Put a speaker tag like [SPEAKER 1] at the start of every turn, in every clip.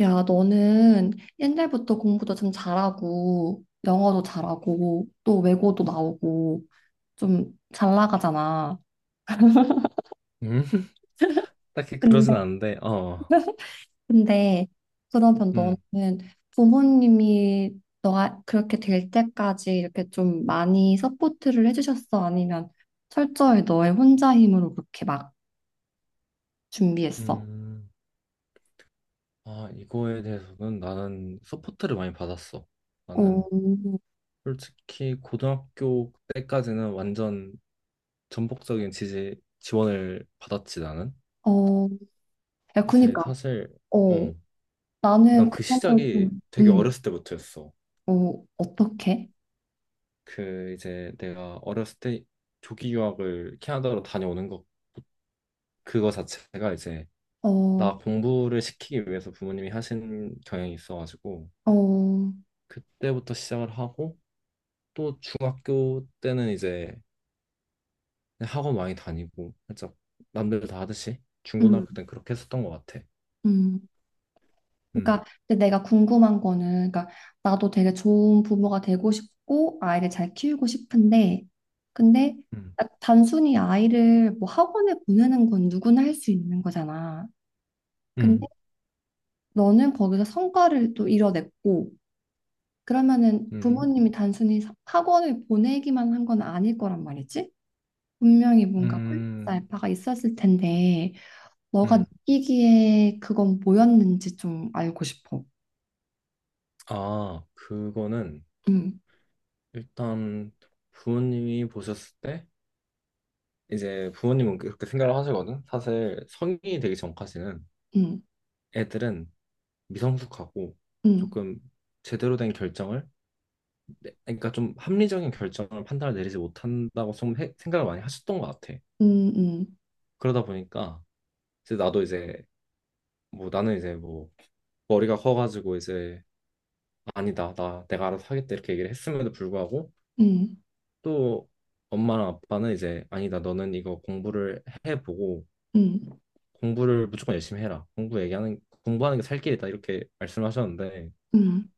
[SPEAKER 1] 야, 너는 옛날부터 공부도 좀 잘하고, 영어도 잘하고, 또 외고도 나오고, 좀 잘 나가잖아.
[SPEAKER 2] 음, 딱히 그러진
[SPEAKER 1] 근데
[SPEAKER 2] 않은데,
[SPEAKER 1] 근데 그러면
[SPEAKER 2] 음,
[SPEAKER 1] 너는 부모님이 너가 그렇게 될 때까지 이렇게 좀 많이 서포트를 해주셨어? 아니면 철저히 너의 혼자 힘으로 그렇게 막 준비했어?
[SPEAKER 2] 음, 이거에 대해서는 나는 서포트를 많이 받았어.
[SPEAKER 1] 어,
[SPEAKER 2] 나는 솔직히 고등학교 때까지는 완전 전폭적인 지지, 지원을 받았지, 나는.
[SPEAKER 1] 어, 야,
[SPEAKER 2] 이제
[SPEAKER 1] 그니까,
[SPEAKER 2] 사실,
[SPEAKER 1] 어,
[SPEAKER 2] 어,
[SPEAKER 1] 나는
[SPEAKER 2] 난 그
[SPEAKER 1] 그런 걸 좀,
[SPEAKER 2] 시작이 되게 어렸을 때부터였어.
[SPEAKER 1] 어, 어떻게?
[SPEAKER 2] 그 이제 내가 어렸을 때 조기 유학을 캐나다로 다녀오는 것, 그거 자체가 이제 나
[SPEAKER 1] 어,
[SPEAKER 2] 공부를 시키기 위해서 부모님이 하신 경향이 있어가지고,
[SPEAKER 1] 어,
[SPEAKER 2] 그때부터 시작을 하고 또 중학교 때는 이제 학원 많이 다니고 살짝 남들 다 하듯이
[SPEAKER 1] 음,
[SPEAKER 2] 중고등학교 때는 그렇게 했었던 것 같아.
[SPEAKER 1] 음.
[SPEAKER 2] 음,
[SPEAKER 1] 그러니까 근데 내가 궁금한 거는, 그러니까 나도 되게 좋은 부모가 되고 싶고 아이를 잘 키우고 싶은데, 근데
[SPEAKER 2] 음,
[SPEAKER 1] 딱 단순히 아이를 뭐 학원에 보내는 건 누구나 할 수 있는 거잖아. 근데
[SPEAKER 2] 음,
[SPEAKER 1] 너는 거기서 성과를 또 이뤄냈고, 그러면은
[SPEAKER 2] 음,
[SPEAKER 1] 부모님이 단순히 학원을 보내기만 한 건 아닐 거란 말이지? 분명히 뭔가 플러스
[SPEAKER 2] 음,
[SPEAKER 1] 알파가 있었을 텐데, 너가
[SPEAKER 2] 음.
[SPEAKER 1] 느끼기에 그건 뭐였는지 좀 알고 싶어.
[SPEAKER 2] 그거는
[SPEAKER 1] 음,
[SPEAKER 2] 일단 부모님이 보셨을 때 이제 부모님은 그렇게 생각을 하시거든. 사실 성인이 되기 전까지는
[SPEAKER 1] 음,
[SPEAKER 2] 애들은 미성숙하고
[SPEAKER 1] 음,
[SPEAKER 2] 조금 제대로 된 결정을 네, 그러니까 좀 합리적인 결정을 판단을 내리지 못한다고 좀 생각을 많이 하셨던 것 같아.
[SPEAKER 1] 음, 음,
[SPEAKER 2] 그러다 보니까 이제 나도 이제 뭐 나는 이제 뭐 머리가 커가지고 이제 아니다 나 내가 알아서 하겠다 이렇게 얘기를 했음에도 불구하고
[SPEAKER 1] 음,
[SPEAKER 2] 또 엄마랑 아빠는 이제 아니다 너는 이거 공부를 해보고
[SPEAKER 1] 음,
[SPEAKER 2] 공부를 무조건 열심히 해라 공부 얘기하는 공부하는 게 살 길이다 이렇게 말씀하셨는데
[SPEAKER 1] 음.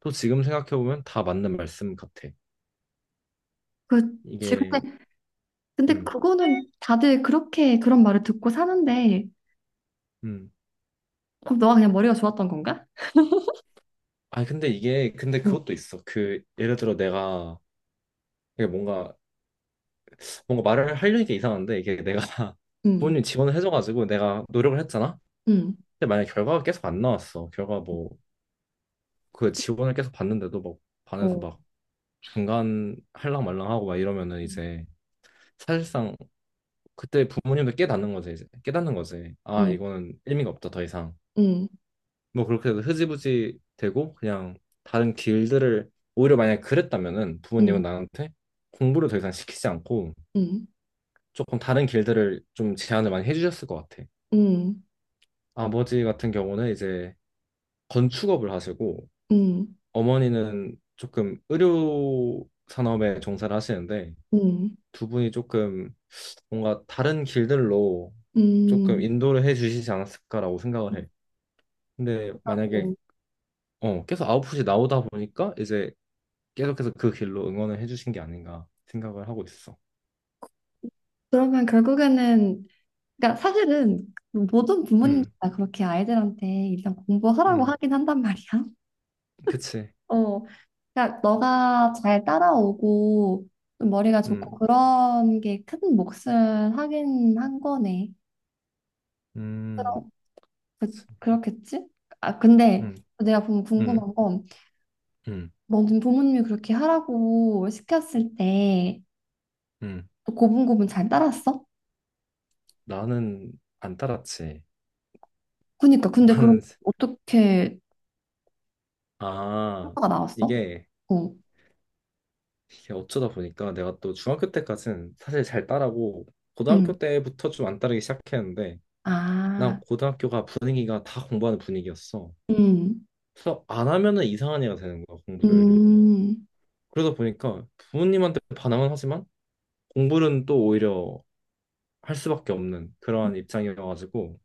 [SPEAKER 2] 또 지금 생각해 보면 다 맞는 말씀 같아.
[SPEAKER 1] 그치.
[SPEAKER 2] 이게
[SPEAKER 1] 근데, 근데
[SPEAKER 2] 음,
[SPEAKER 1] 그거는 다들 그렇게 그런 말을 듣고 사는데,
[SPEAKER 2] 음.
[SPEAKER 1] 그럼 너가 그냥 머리가 좋았던 건가?
[SPEAKER 2] 아니 근데 이게 근데
[SPEAKER 1] 음,
[SPEAKER 2] 그것도 있어. 그 예를 들어 내가 이게 뭔가 말을 하려니까 이상한데 이게 내가
[SPEAKER 1] 음,
[SPEAKER 2] 부모님 지원을 해줘가지고 내가 노력을 했잖아.
[SPEAKER 1] 음,
[SPEAKER 2] 근데 만약 결과가 계속 안 나왔어. 결과 뭐 그 지원을 계속 받는데도 막 반에서
[SPEAKER 1] 어,
[SPEAKER 2] 막 중간 할랑 말랑하고 막 이러면은
[SPEAKER 1] 음,
[SPEAKER 2] 이제 사실상 그때 부모님도 깨닫는 거지 이제 깨닫는 거지. 아
[SPEAKER 1] 음,
[SPEAKER 2] 이거는 의미가 없다 더 이상.
[SPEAKER 1] 음,
[SPEAKER 2] 뭐 그렇게 해서 흐지부지 되고 그냥 다른 길들을 오히려 만약에 그랬다면은 부모님은
[SPEAKER 1] 음,
[SPEAKER 2] 나한테 공부를 더 이상 시키지 않고
[SPEAKER 1] 음,
[SPEAKER 2] 조금 다른 길들을 좀 제안을 많이 해주셨을 것 같아.
[SPEAKER 1] 음,
[SPEAKER 2] 아버지 같은 경우는 이제 건축업을 하시고 어머니는 조금 의료 산업에 종사를 하시는데
[SPEAKER 1] 음,
[SPEAKER 2] 두 분이 조금 뭔가 다른 길들로
[SPEAKER 1] 음,
[SPEAKER 2] 조금
[SPEAKER 1] 음.
[SPEAKER 2] 인도를 해 주시지 않았을까라고 생각을 해. 근데 만약에
[SPEAKER 1] 어,
[SPEAKER 2] 계속 아웃풋이 나오다 보니까 이제 계속해서 그 길로 응원을 해주신 게 아닌가 생각을 하고 있어.
[SPEAKER 1] 그러면 결국에는, 그러니까 사실은 모든 부모님들
[SPEAKER 2] 음,
[SPEAKER 1] 다 그렇게 아이들한테 일단 공부하라고
[SPEAKER 2] 음,
[SPEAKER 1] 하긴 한단 말이야.
[SPEAKER 2] 그치.
[SPEAKER 1] 어, 그러니까 너가 잘 따라오고 좀 머리가 좋고
[SPEAKER 2] 음,
[SPEAKER 1] 그런 게 큰 몫을 하긴 한 거네.
[SPEAKER 2] 음,
[SPEAKER 1] 그럼 그,
[SPEAKER 2] 그치.
[SPEAKER 1] 그렇겠지? 아 근데
[SPEAKER 2] 음,
[SPEAKER 1] 내가 보면
[SPEAKER 2] 음,
[SPEAKER 1] 궁금한 건
[SPEAKER 2] 음,
[SPEAKER 1] 너는 부모님이 그렇게 하라고 시켰을 때
[SPEAKER 2] 음.
[SPEAKER 1] 고분고분 잘 따랐어?
[SPEAKER 2] 나는 안 따랐지.
[SPEAKER 1] 그니까 근데 그럼
[SPEAKER 2] 나는
[SPEAKER 1] 어떻게
[SPEAKER 2] 아
[SPEAKER 1] 효과가 나왔어?
[SPEAKER 2] 이게,
[SPEAKER 1] 어,
[SPEAKER 2] 이게 어쩌다 보니까 내가 또 중학교 때까지는 사실 잘 따라고
[SPEAKER 1] 응,
[SPEAKER 2] 고등학교 때부터 좀 안 따르기 시작했는데
[SPEAKER 1] 아,
[SPEAKER 2] 난 고등학교가 분위기가 다 공부하는 분위기였어.
[SPEAKER 1] 응,
[SPEAKER 2] 그래서 안 하면은 이상한 애가 되는 거야 공부를.
[SPEAKER 1] 음,
[SPEAKER 2] 그러다 보니까 부모님한테 반항은 하지만 공부는 또 오히려 할 수밖에 없는 그러한 입장이어가지고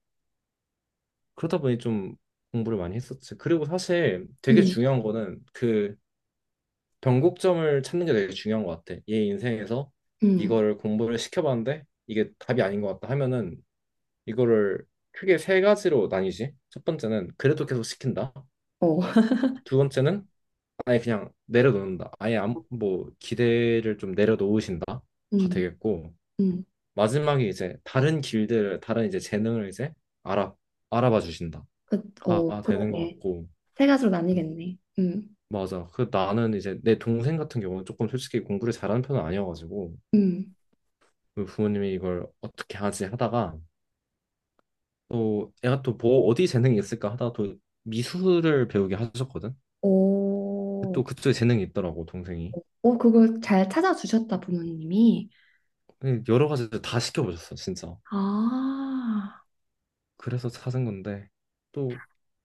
[SPEAKER 2] 그러다 보니 좀 공부를 많이 했었지. 그리고 사실 되게
[SPEAKER 1] 응,
[SPEAKER 2] 중요한 거는 그 변곡점을 찾는 게 되게 중요한 것 같아. 얘 인생에서
[SPEAKER 1] 응,
[SPEAKER 2] 이거를 공부를 시켜봤는데 이게 답이 아닌 것 같다 하면은 이거를 크게 세 가지로 나뉘지. 첫 번째는 그래도 계속 시킨다.
[SPEAKER 1] 어.
[SPEAKER 2] 두 번째는 아예 그냥 내려놓는다. 아예 뭐 기대를 좀 내려놓으신다가
[SPEAKER 1] 응,
[SPEAKER 2] 되겠고
[SPEAKER 1] 응,
[SPEAKER 2] 마지막에 이제 다른 길들을 다른 이제 재능을 이제 알아 알아봐 주신다
[SPEAKER 1] 그,
[SPEAKER 2] 가
[SPEAKER 1] 어,
[SPEAKER 2] 되는 것
[SPEAKER 1] 그러게.
[SPEAKER 2] 같고
[SPEAKER 1] 세 가지로
[SPEAKER 2] 음,
[SPEAKER 1] 나뉘겠네.
[SPEAKER 2] 맞아 그 나는 이제 내 동생 같은 경우는 조금 솔직히 공부를 잘하는 편은 아니어가지고
[SPEAKER 1] 음.
[SPEAKER 2] 그 부모님이 이걸 어떻게 하지 하다가 또 애가 또 뭐 어디 재능이 있을까 하다가 또 미술을 배우게 하셨거든.
[SPEAKER 1] 오,
[SPEAKER 2] 또 그쪽에 재능이 있더라고 동생이.
[SPEAKER 1] 오, 그걸 잘 찾아주셨다, 부모님이.
[SPEAKER 2] 근데 여러 가지를 다 시켜보셨어 진짜.
[SPEAKER 1] 아,
[SPEAKER 2] 그래서 찾은 건데 또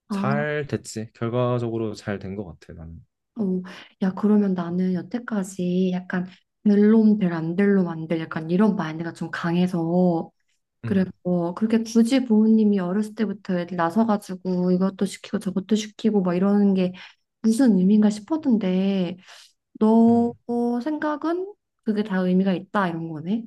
[SPEAKER 1] 아,
[SPEAKER 2] 잘 됐지. 결과적으로 잘 된 것 같아 나는.
[SPEAKER 1] 오. 야, 그러면 나는 여태까지 약간 될놈 될, 안 될놈 안 될, 약간 이런 마인드가 좀 강해서. 그래서
[SPEAKER 2] 음,
[SPEAKER 1] 그렇게 굳이 부모님이 어렸을 때부터 애들 나서가지고 이것도 시키고 저것도 시키고 막 이러는 게 무슨 의미인가 싶었는데, 너
[SPEAKER 2] 음.
[SPEAKER 1] 생각은 그게 다 의미가 있다, 이런 거네.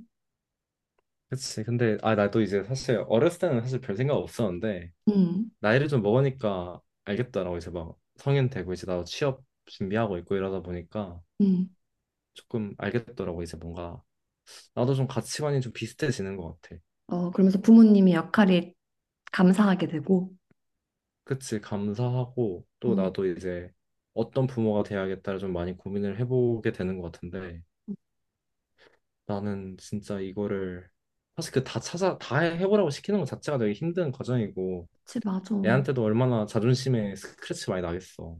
[SPEAKER 2] 그치. 근데, 나도 이제 사실 어렸을 때는 사실 별 생각 없었는데,
[SPEAKER 1] 음,
[SPEAKER 2] 나이를 좀 먹으니까 알겠더라고. 이제 막 성인 되고, 이제 나도 취업 준비하고 있고 이러다 보니까
[SPEAKER 1] 음.
[SPEAKER 2] 조금 알겠더라고. 이제 뭔가 나도 좀 가치관이 좀 비슷해지는 것 같아.
[SPEAKER 1] 어, 그러면서 부모님의 역할이 감사하게 되고.
[SPEAKER 2] 그치. 감사하고, 또
[SPEAKER 1] 어,
[SPEAKER 2] 나도 이제 어떤 부모가 돼야겠다를 좀 많이 고민을 해보게 되는 것 같은데, 나는 진짜 이거를 사실 그 다 찾아, 다 해- 해보라고 시키는 것 자체가 되게 힘든 과정이고,
[SPEAKER 1] 그치, 맞아. 응,
[SPEAKER 2] 애한테도 얼마나 자존심에 스크래치 많이 나겠어.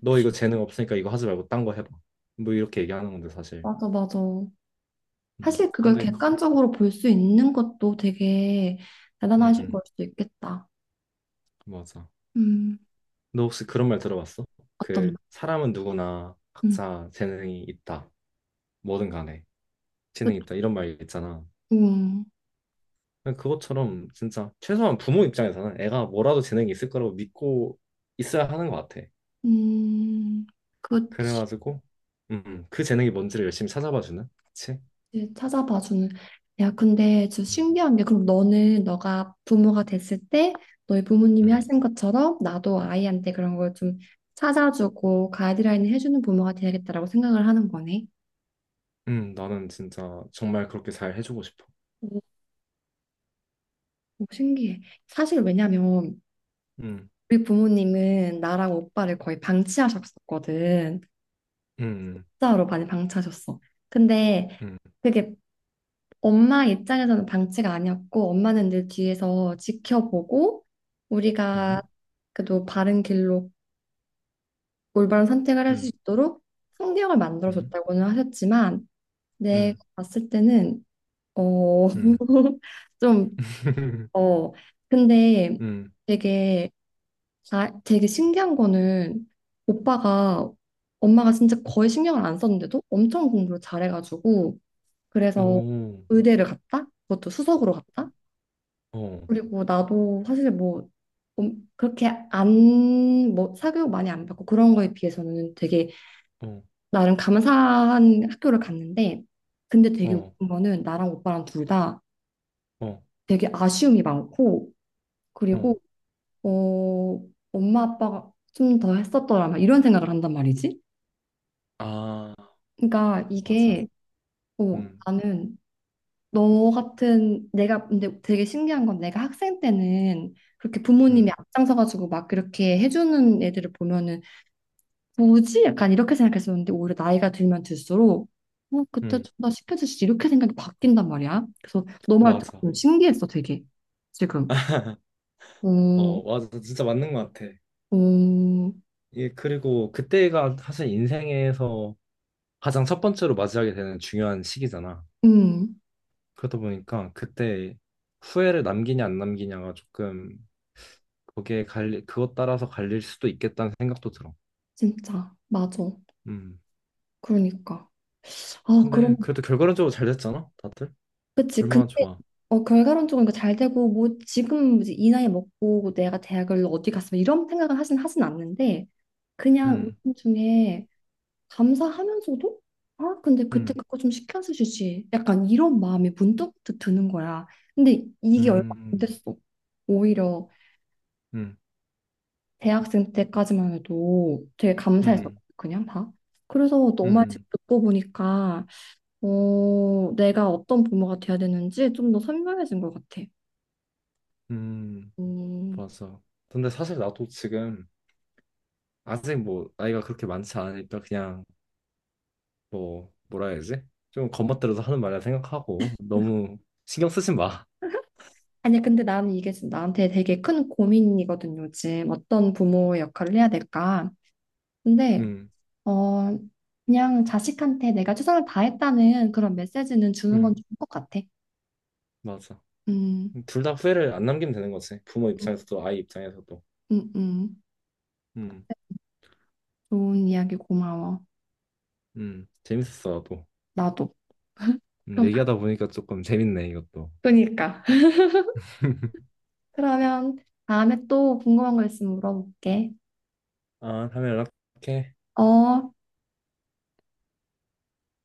[SPEAKER 2] 너 이거 재능 없으니까 이거 하지 말고 딴 거 해봐. 뭐 이렇게 얘기하는 건데 사실.
[SPEAKER 1] 맞아, 맞아. 사실 그걸
[SPEAKER 2] 근데
[SPEAKER 1] 객관적으로 볼 수 있는 것도 되게 대단하신
[SPEAKER 2] 음,
[SPEAKER 1] 걸 수도 있겠다.
[SPEAKER 2] 맞아.
[SPEAKER 1] 음,
[SPEAKER 2] 너 혹시 그런 말 들어봤어?
[SPEAKER 1] 어떤 말?
[SPEAKER 2] 그 사람은 누구나
[SPEAKER 1] 음,
[SPEAKER 2] 각자 재능이 있다. 뭐든 간에
[SPEAKER 1] 그치.
[SPEAKER 2] 재능이 있다. 이런 말 있잖아.
[SPEAKER 1] 음,
[SPEAKER 2] 그냥 그것처럼 진짜 최소한 부모 입장에서는 애가 뭐라도 재능이 있을 거라고 믿고 있어야 하는 것 같아.
[SPEAKER 1] 음, 그치.
[SPEAKER 2] 그래가지고 그 재능이 뭔지를 열심히 찾아봐 주는. 그치?
[SPEAKER 1] 이제 찾아봐 주는. 야, 근데 저
[SPEAKER 2] 음,
[SPEAKER 1] 신기한 게 그럼 너는 너가 부모가 됐을 때 너희 부모님이
[SPEAKER 2] 음,
[SPEAKER 1] 하신 것처럼 나도 아이한테 그런 걸 좀 찾아주고 가이드라인을 해주는 부모가 돼야겠다라고 생각을 하는 거네.
[SPEAKER 2] 나는 진짜 정말 그렇게 잘 해주고 싶어.
[SPEAKER 1] 오, 오, 신기해. 사실 왜냐면
[SPEAKER 2] 음,
[SPEAKER 1] 우리 부모님은 나랑 오빠를 거의 방치하셨었거든.
[SPEAKER 2] 음,
[SPEAKER 1] 진짜로 많이 방치하셨어. 근데
[SPEAKER 2] 음.
[SPEAKER 1] 그게 엄마 입장에서는 방치가 아니었고 엄마는 늘 뒤에서 지켜보고
[SPEAKER 2] 음,
[SPEAKER 1] 우리가 그래도 바른 길로 올바른 선택을 할 수
[SPEAKER 2] 음,
[SPEAKER 1] 있도록 환경을 만들어
[SPEAKER 2] 음,
[SPEAKER 1] 줬다고는 하셨지만 내가
[SPEAKER 2] 음,
[SPEAKER 1] 봤을 때는 어
[SPEAKER 2] 음,
[SPEAKER 1] 좀 어 근데
[SPEAKER 2] 음,
[SPEAKER 1] 되게 아, 되게 신기한 거는 오빠가 엄마가 진짜 거의 신경을 안 썼는데도 엄청 공부를 잘해가지고 그래서
[SPEAKER 2] 오,
[SPEAKER 1] 의대를 갔다 그것도 수석으로 갔다.
[SPEAKER 2] 어,
[SPEAKER 1] 그리고 나도 사실 뭐 그렇게 안, 뭐 사교육 많이 안 받고 그런 거에 비해서는 되게
[SPEAKER 2] 어,
[SPEAKER 1] 나름 감사한 학교를 갔는데 근데 되게
[SPEAKER 2] 어,
[SPEAKER 1] 웃긴 거는 나랑 오빠랑 둘다
[SPEAKER 2] 어,
[SPEAKER 1] 되게 아쉬움이 많고
[SPEAKER 2] 어,
[SPEAKER 1] 그리고 어, 엄마 아빠가 좀 더 했었더라면 이런 생각을 한단 말이지.
[SPEAKER 2] 아,
[SPEAKER 1] 그러니까
[SPEAKER 2] 맞아,
[SPEAKER 1] 이게 어,
[SPEAKER 2] 음,
[SPEAKER 1] 나는 너 같은 내가 근데 되게 신기한 건 내가 학생 때는 그렇게 부모님이
[SPEAKER 2] 음,
[SPEAKER 1] 앞장서 가지고 막 그렇게 해주는 애들을 보면은 뭐지? 약간 이렇게 생각했었는데 오히려 나이가 들면 들수록 어, 그때
[SPEAKER 2] 음,
[SPEAKER 1] 좀 더 시켜주시지 이렇게 생각이 바뀐단 말이야. 그래서 너 말 듣고
[SPEAKER 2] 맞아,
[SPEAKER 1] 좀 신기했어 되게 지금.
[SPEAKER 2] 어,
[SPEAKER 1] 오,
[SPEAKER 2] 맞아, 진짜 맞는 것 같아.
[SPEAKER 1] 오,
[SPEAKER 2] 예, 그리고 그때가 사실 인생에서 가장 첫 번째로 맞이하게 되는 중요한 시기잖아.
[SPEAKER 1] 음,
[SPEAKER 2] 그러다 보니까 그때 후회를 남기냐 안 남기냐가 조금 그것 따라서 갈릴 수도 있겠다는 생각도 들어.
[SPEAKER 1] 진짜 맞아.
[SPEAKER 2] 음.
[SPEAKER 1] 그러니까. 아 그럼
[SPEAKER 2] 근데 그래도 결과론적으로 잘 됐잖아, 다들.
[SPEAKER 1] 그치. 근데
[SPEAKER 2] 얼마나 좋아.
[SPEAKER 1] 어 결과론적으로 잘 되고 뭐 지금 이제 이 나이 먹고 뭐 내가 대학을 어디 갔으면 이런 생각을 하진 않는데 그냥
[SPEAKER 2] 음,
[SPEAKER 1] 요즘 중에 감사하면서도 아 근데 그때
[SPEAKER 2] 음,
[SPEAKER 1] 그거 좀 시켜서 주지 약간 이런 마음이 문득 드는 거야 근데 이게 얼마 안
[SPEAKER 2] 음,
[SPEAKER 1] 됐어 오히려
[SPEAKER 2] 음,
[SPEAKER 1] 대학생 때까지만 해도 되게 감사했서
[SPEAKER 2] 음,
[SPEAKER 1] 그냥 다 그래서 너 말 지금
[SPEAKER 2] 음,
[SPEAKER 1] 듣고 보니까 어 내가 어떤 부모가 돼야 되는지 좀 더 선명해진 것 같아
[SPEAKER 2] 음,
[SPEAKER 1] 음
[SPEAKER 2] 맞아. 근데 사실 나도 지금 아직 뭐 나이가 그렇게 많지 않으니까 그냥 뭐 뭐라 해야지? 좀 겉멋대로서 하는 말이라 생각하고 너무 신경 쓰지 마.
[SPEAKER 1] 아니 근데 나는 이게 지금 나한테 되게 큰 고민이거든 요즘 어떤 부모의 역할을 해야 될까 근데
[SPEAKER 2] 음,
[SPEAKER 1] 어, 그냥 자식한테 내가 최선을 다했다는 그런 메시지는 주는
[SPEAKER 2] 음,
[SPEAKER 1] 건 좋을 것 같아.
[SPEAKER 2] 맞아.
[SPEAKER 1] 음,
[SPEAKER 2] 둘 다 후회를 안 남기면 되는 거지. 부모
[SPEAKER 1] 음,
[SPEAKER 2] 입장에서도 아이 입장에서도.
[SPEAKER 1] 음.
[SPEAKER 2] 음,
[SPEAKER 1] 좋은 이야기 고마워.
[SPEAKER 2] 재밌었어 나도.
[SPEAKER 1] 나도. 그럼,
[SPEAKER 2] 얘기하다 보니까 조금 재밌네 이것도.
[SPEAKER 1] 그러니까. 그러면 다음에 또 궁금한 거 있으면 물어볼게.
[SPEAKER 2] 아, 다음에 연락해.
[SPEAKER 1] 어.